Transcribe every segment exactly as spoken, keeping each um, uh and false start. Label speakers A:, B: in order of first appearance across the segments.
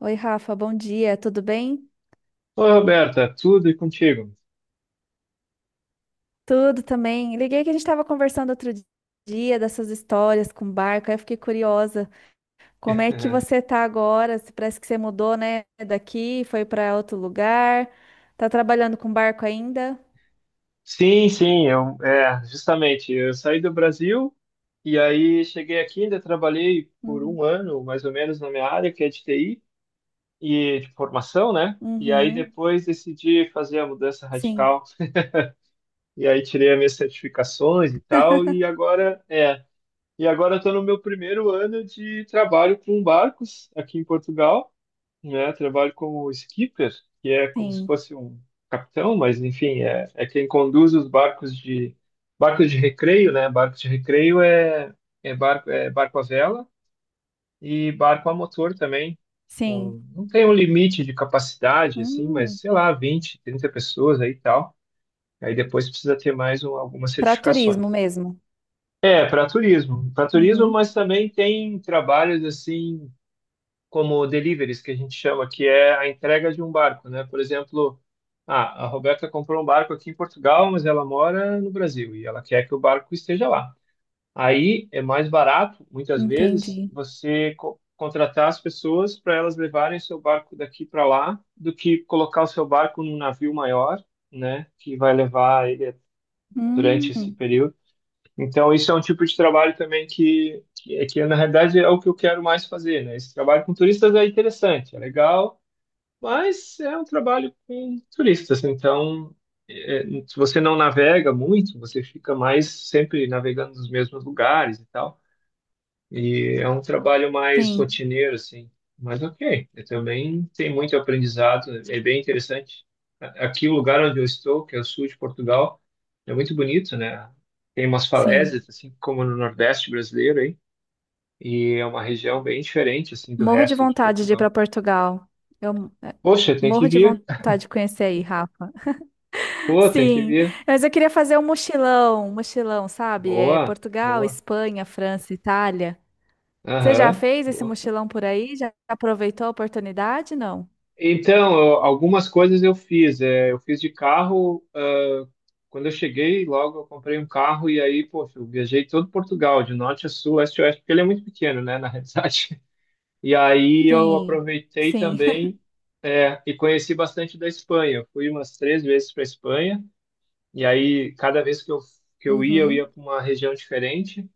A: Oi, Rafa, bom dia, tudo bem?
B: Oi, Roberta, tudo e contigo?
A: Tudo também. Liguei que a gente estava conversando outro dia dessas histórias com barco, aí eu fiquei curiosa. Como é que você tá agora? Se Parece que você mudou, né, daqui, foi para outro lugar. Tá trabalhando com barco ainda?
B: Sim, sim, eu, é, justamente, eu saí do Brasil e aí cheguei aqui, ainda trabalhei por
A: Uhum.
B: um ano, mais ou menos, na minha área, que é de T I e de formação, né? E aí
A: Uhum.
B: depois decidi fazer a mudança
A: Sim,
B: radical. E aí tirei as minhas certificações e tal e agora, é, E agora estou no meu primeiro ano de trabalho com barcos aqui em Portugal, né? Trabalho como skipper, que é como se
A: sim,
B: fosse um capitão, mas enfim, é, é quem conduz os barcos de barcos de recreio, né? Barco de recreio é, é barco é barco à vela e barco a motor também.
A: sim.
B: Com- não tem um limite de capacidade assim, mas
A: Hum.
B: sei lá, vinte, trinta pessoas aí e tal. Aí depois precisa ter mais um, algumas
A: Para turismo
B: certificações.
A: mesmo.
B: É, para turismo. Para turismo,
A: Uhum.
B: mas também tem trabalhos assim, como deliveries, que a gente chama, que é a entrega de um barco, né? Por exemplo, ah, a Roberta comprou um barco aqui em Portugal, mas ela mora no Brasil e ela quer que o barco esteja lá. Aí é mais barato, muitas vezes,
A: Entendi.
B: você co- contratar as pessoas para elas levarem seu barco daqui para lá, do que colocar o seu barco num navio maior, né? Que vai levar ele durante
A: Hum.
B: esse período. Então, isso é um tipo de trabalho também que, que, é que na realidade é o que eu quero mais fazer, né? Esse trabalho com turistas é interessante, é legal, mas é um trabalho com turistas. Então, é, se você não navega muito, você fica mais sempre navegando nos mesmos lugares e tal. E é um trabalho mais
A: Sim,
B: rotineiro, assim. Mas ok, eu também tem muito aprendizado, é bem interessante. A- Aqui, o lugar onde eu estou, que é o sul de Portugal, é muito bonito, né? Tem umas
A: sim.
B: falésias, assim, como no Nordeste brasileiro, aí. E é uma região bem diferente, assim, do
A: Morro de
B: resto de
A: vontade de ir para
B: Portugal.
A: Portugal. Eu é,
B: Poxa, tem que
A: morro de
B: vir.
A: vontade de conhecer aí, Rafa.
B: Pô, tem que
A: Sim,
B: vir.
A: mas eu queria fazer um mochilão, um mochilão, sabe? É
B: Boa,
A: Portugal,
B: boa.
A: Espanha, França, Itália. Você já
B: Aham,
A: fez esse
B: boa.
A: mochilão por aí? Já aproveitou a oportunidade? Não?
B: Então, eu- algumas coisas eu fiz. É, eu fiz de carro. Ah, quando eu cheguei, logo eu comprei um carro e aí, poxa, eu viajei todo Portugal, de norte a sul, leste a oeste, porque ele é muito pequeno, né, na realidade. E aí eu
A: Sim,
B: aproveitei
A: sim.
B: também, é, e conheci bastante da Espanha. Eu fui umas três vezes para Espanha e aí cada vez que eu, que eu ia, eu ia
A: Uhum,
B: para uma região diferente.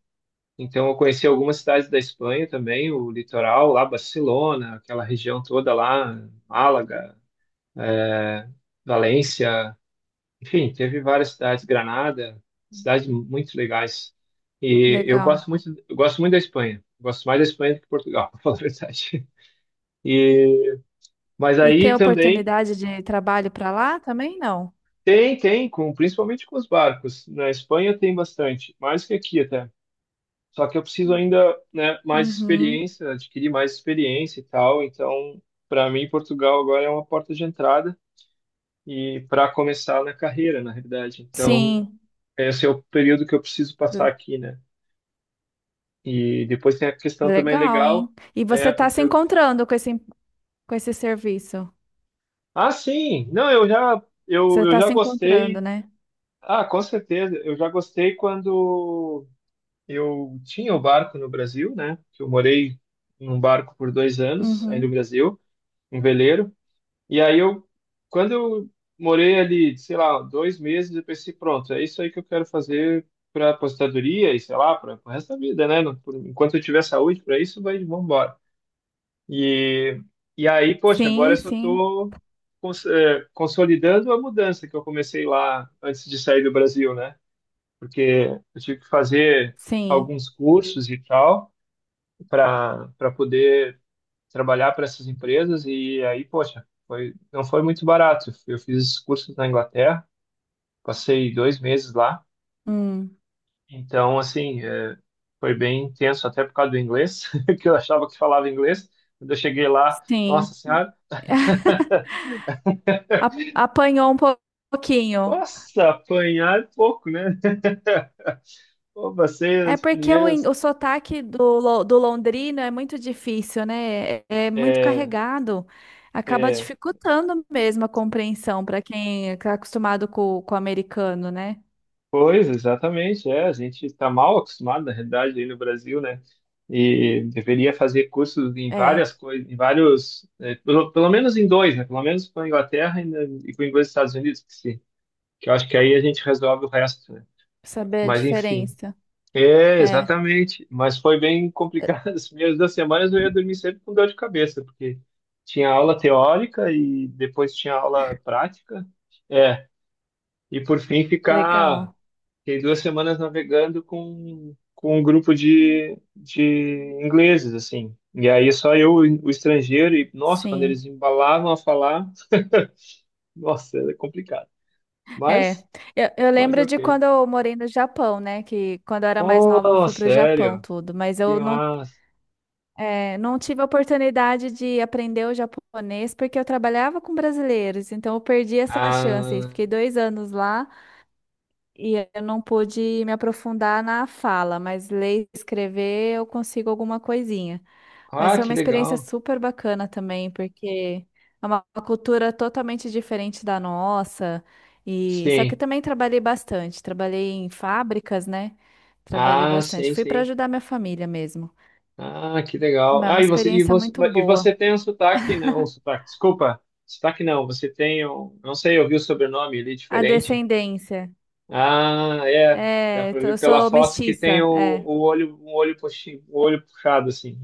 B: Então eu conheci algumas cidades da Espanha também, o litoral lá, Barcelona, aquela região toda lá, Málaga. Valência, enfim, teve várias cidades, Granada, cidades muito legais. E eu
A: legal.
B: gosto muito, eu gosto muito da Espanha. Gosto mais da Espanha do que Portugal, para falar a verdade. E, mas
A: E ter
B: aí também
A: oportunidade de trabalho para lá também? Não.
B: tem, tem, com, principalmente com os barcos. Na Espanha tem bastante, mais que aqui até. Só que eu preciso ainda, né, mais
A: Uhum.
B: experiência, adquirir mais experiência e tal. Então, para mim, Portugal agora é uma porta de entrada e para começar na carreira, na realidade. Então,
A: Sim.
B: esse é o período que eu preciso passar
A: Le-
B: aqui, né? E depois tem a questão também
A: Legal,
B: legal,
A: hein? E você
B: é
A: está
B: porque
A: se
B: eu...
A: encontrando com esse, com esse serviço?
B: Ah, sim. Não, eu já
A: Você
B: eu, eu
A: está
B: já
A: se encontrando,
B: gostei.
A: né?
B: Ah, com certeza. Eu já gostei quando eu tinha o barco no Brasil, né? Que eu morei num barco por dois anos aí no
A: Uhum.
B: Brasil, um veleiro. E aí eu, quando eu morei ali, sei lá, dois meses, eu pensei, pronto, é isso aí que eu quero fazer para aposentadoria e sei lá, para o resto da vida, né? Não- por- enquanto eu tiver saúde para isso, vai, vamos embora. E, e aí, poxa, agora eu
A: Sim,
B: só
A: sim,
B: estou cons eh, consolidando a mudança que eu comecei lá antes de sair do Brasil, né? Porque eu tive que fazer
A: sim.
B: alguns cursos e tal para para poder trabalhar para essas empresas e aí, poxa, foi, não foi muito barato. Eu fiz esses cursos na Inglaterra, passei dois meses lá,
A: Hum,
B: então, assim, é, foi bem intenso, até por causa do inglês, que eu achava que falava inglês. Quando eu cheguei lá, nossa
A: sim.
B: senhora,
A: A- Apanhou um po- pouquinho.
B: nossa, apanhar é pouco, né? Pô, passei
A: É
B: as
A: porque o, in-
B: primeiras
A: o sotaque do, lo- do londrino é muito difícil, né? É, é muito
B: é,
A: carregado. Acaba
B: é,
A: dificultando mesmo a compreensão para quem está acostumado com, com o americano, né?
B: Pois, exatamente, é, a gente está mal acostumado, na realidade, aí no Brasil, né? E deveria fazer cursos em
A: É,
B: várias coisas, em vários, eh, pelo, pelo menos em dois, né? Pelo menos com a Inglaterra e, na- e com os Estados Unidos, que, se, que eu acho que aí a gente resolve o resto, né?
A: saber a
B: Mas enfim,
A: diferença.
B: é,
A: É,
B: exatamente, mas foi bem complicado, as primeiras duas semanas eu ia dormir sempre com dor de cabeça, porque tinha aula teórica e depois tinha aula prática, é, e por fim ficar
A: legal.
B: Fiquei duas semanas navegando com, com um grupo de, de ingleses, assim. E aí só eu, o estrangeiro, e nossa, quando eles
A: Sim.
B: embalavam a falar, nossa, era complicado.
A: É,
B: Mas,
A: eu, eu
B: mas
A: lembro de
B: ok.
A: quando eu morei no Japão, né? Que quando eu era mais nova eu
B: Oh,
A: fui pro Japão
B: sério?
A: tudo, mas
B: Que
A: eu não,
B: massa.
A: é, não tive a oportunidade de aprender o japonês porque eu trabalhava com brasileiros, então eu perdi essa chance.
B: Ah,
A: Fiquei dois anos lá e eu não pude me aprofundar na fala, mas ler e escrever eu consigo alguma coisinha. Mas
B: ah,
A: foi uma
B: que
A: experiência
B: legal.
A: super bacana também, porque é uma cultura totalmente diferente da nossa. E só que
B: Sim.
A: também trabalhei bastante, trabalhei em fábricas, né? Trabalhei
B: Ah,
A: bastante.
B: sim,
A: Fui para
B: sim.
A: ajudar minha família mesmo.
B: Ah, que legal.
A: Mas é uma
B: Ah, e você, e
A: experiência
B: você,
A: muito
B: e
A: boa.
B: você tem um sotaque, né? Ou sotaque, desculpa. Sotaque não, você tem um, não sei, eu vi o sobrenome ali
A: A
B: diferente.
A: descendência.
B: Ah, é. Dá
A: É,
B: pra
A: t-
B: ver
A: eu
B: pela
A: sou
B: foto que tem
A: mestiça,
B: o,
A: é,
B: o olho, o olho, puxi, o olho puxado, assim.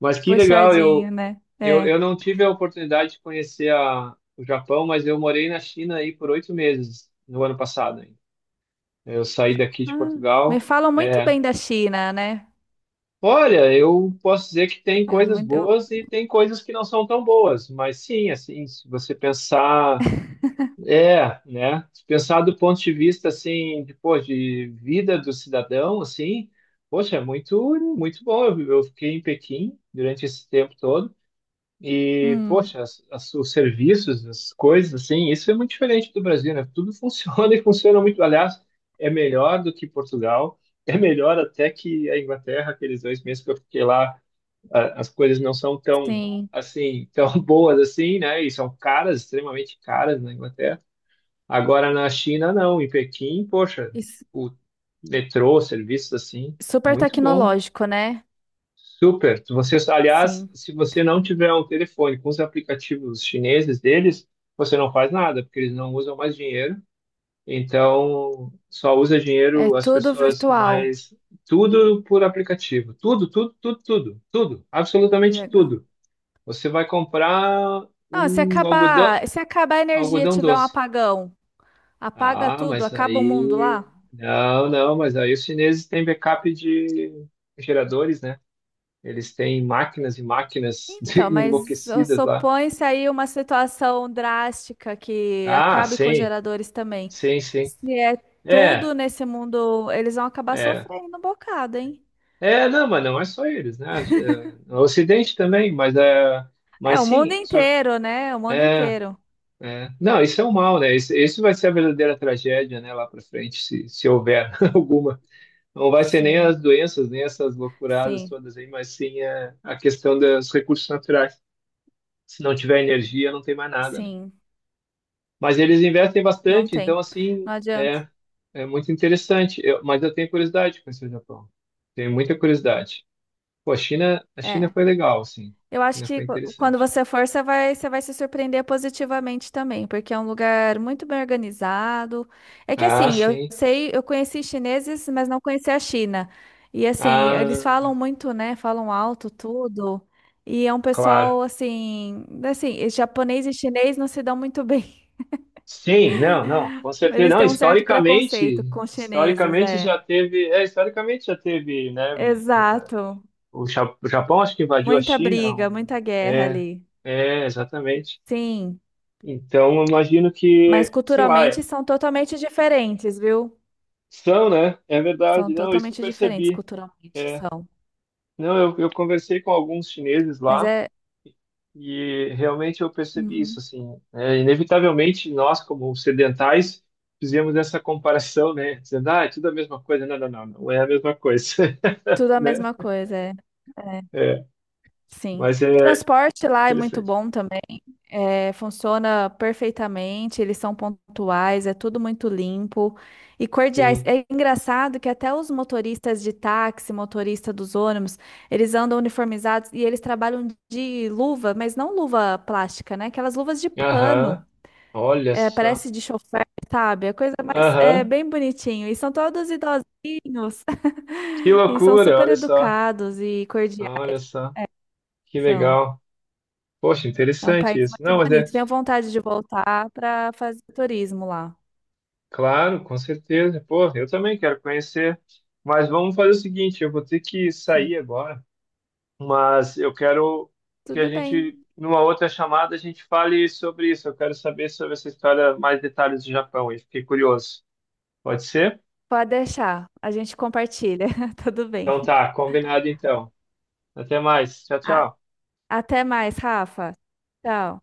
B: Mas que legal,
A: puxadinho,
B: eu,
A: né?
B: eu,
A: É.
B: eu não tive a oportunidade de conhecer a, o Japão, mas eu morei na China aí por oito meses no ano passado. Hein. Eu saí daqui de
A: Ah, me
B: Portugal.
A: falam muito
B: É.
A: bem da China, né?
B: Olha, eu posso dizer que tem
A: Eu
B: coisas
A: muito, eu,
B: boas e tem coisas que não são tão boas, mas sim, assim, se você pensar. É, né? Se pensar do ponto de vista assim, de, pô, de vida do cidadão, assim, poxa, é muito, muito bom. Eu, eu fiquei em Pequim durante esse tempo todo e,
A: hum,
B: poxa, as, as- os serviços, as coisas, assim, isso é muito diferente do Brasil, né? Tudo funciona e funciona muito. Aliás, é melhor do que Portugal, é melhor até que a Inglaterra, aqueles dois meses que eu fiquei lá, a- as coisas não são tão
A: sim.
B: assim, tão boas assim, né? E são caras, extremamente caras na Inglaterra. Agora na China, não. Em Pequim, poxa,
A: E su-
B: o metrô, serviços assim,
A: super
B: muito bom.
A: tecnológico, né?
B: Super. Você, aliás,
A: Sim.
B: se você não tiver um telefone com os aplicativos chineses deles, você não faz nada, porque eles não usam mais dinheiro. Então, só usa
A: É
B: dinheiro as
A: tudo
B: pessoas
A: virtual.
B: mais. Tudo por aplicativo. Tudo, tudo, tudo, tudo, tudo.
A: Que
B: Absolutamente
A: legal.
B: tudo. Você vai comprar
A: Ah, se
B: um algodão,
A: acabar, se acabar a energia, e
B: algodão
A: tiver um
B: doce.
A: apagão, apaga
B: Ah,
A: tudo,
B: mas
A: acaba o mundo
B: aí.
A: lá?
B: Não, não, mas aí os chineses têm backup de geradores, né? Eles têm máquinas e máquinas de-
A: Então, mas
B: enlouquecidas lá.
A: supõe-se aí uma situação drástica que
B: Ah,
A: acabe com os
B: sim,
A: geradores também.
B: sim, sim.
A: Se é
B: É,
A: tudo nesse mundo, eles vão acabar
B: é.
A: sofrendo um bocado, hein?
B: É, não, mas não é só eles, né? É, o Ocidente também, mas, é,
A: É,
B: mas
A: o mundo
B: sim, só.
A: inteiro, né? O mundo
B: É,
A: inteiro.
B: é. Não, isso é um mal, né? Isso, isso vai ser a verdadeira tragédia, né, lá para frente, se, se houver alguma. Não vai ser nem
A: Sim,
B: as doenças, nem essas loucuradas
A: sim,
B: todas aí, mas sim a, a questão dos recursos naturais. Se não tiver energia, não tem mais nada, né?
A: sim.
B: Mas eles investem
A: Não
B: bastante,
A: tem.
B: então, assim,
A: Não adianta.
B: é, é muito interessante. Eu- mas eu tenho curiosidade de conhecer o Japão. Tenho muita curiosidade. Pô, a China, a China
A: É.
B: foi legal, assim.
A: Eu
B: A
A: acho
B: China
A: que
B: foi
A: qu- quando
B: interessante.
A: você for, você vai, você vai se surpreender positivamente também, porque é um lugar muito bem organizado. É que
B: Ah,
A: assim, eu
B: sim.
A: sei, eu conheci chineses, mas não conheci a China. E assim, eles
B: Ah,
A: falam muito, né? Falam alto tudo. E é um
B: claro.
A: pessoal assim, assim, e japonês e chinês não se dão muito bem.
B: Sim, não, não, com certeza
A: Eles
B: não.
A: têm um certo
B: Historicamente,
A: preconceito com os chineses,
B: historicamente
A: é.
B: já teve, é, historicamente já teve, né?
A: Exato.
B: O Ja- o Japão acho que invadiu a
A: Muita
B: China.
A: briga,
B: Um-
A: muita guerra
B: é,
A: ali.
B: é, exatamente.
A: Sim.
B: Então, eu imagino
A: Mas
B: que, sei lá,
A: culturalmente
B: é-
A: são totalmente diferentes, viu?
B: são, né? É
A: São
B: verdade. Não, isso eu
A: totalmente diferentes
B: percebi.
A: culturalmente,
B: É.
A: são.
B: Não, eu, eu conversei com alguns chineses
A: Mas
B: lá
A: é
B: e realmente eu percebi isso,
A: uhum,
B: assim. É, inevitavelmente, nós, como ocidentais, fizemos essa comparação, né? Dizendo, ah, é tudo a mesma coisa. Não, não, não, não é a mesma coisa,
A: tudo a
B: né?
A: mesma coisa, é. É,
B: É,
A: sim.
B: mas
A: O
B: é
A: transporte lá é muito
B: interessante.
A: bom também. É, funciona perfeitamente, eles são pontuais, é tudo muito limpo e cordiais.
B: Sim.
A: É engraçado que até os motoristas de táxi, motorista dos ônibus, eles andam uniformizados e eles trabalham de luva, mas não luva plástica, né? Aquelas luvas de
B: Aham.
A: pano.
B: Olha
A: É,
B: só.
A: parece de chofer, sabe? A coisa mais é
B: Aham.
A: bem bonitinho. E são todos idosinhos.
B: Que
A: E são
B: loucura,
A: super
B: olha só,
A: educados e cordiais.
B: olha só, que
A: São.
B: legal. Poxa,
A: É um país
B: interessante isso.
A: muito
B: Não, mas é
A: bonito. Tenho vontade de voltar para fazer turismo lá.
B: claro, com certeza. Pô, eu também quero conhecer. Mas vamos fazer o seguinte, eu vou ter que sair
A: Sim.
B: agora, mas eu quero que a
A: Tudo
B: gente,
A: bem.
B: numa outra chamada, a gente fale sobre isso. Eu quero saber sobre essa história, mais detalhes do Japão. Eu fiquei curioso. Pode ser?
A: Pode deixar. A gente compartilha. Tudo
B: Então
A: bem.
B: tá, combinado então. Até mais. Tchau,
A: A-
B: tchau.
A: Até mais, Rafa. Tchau.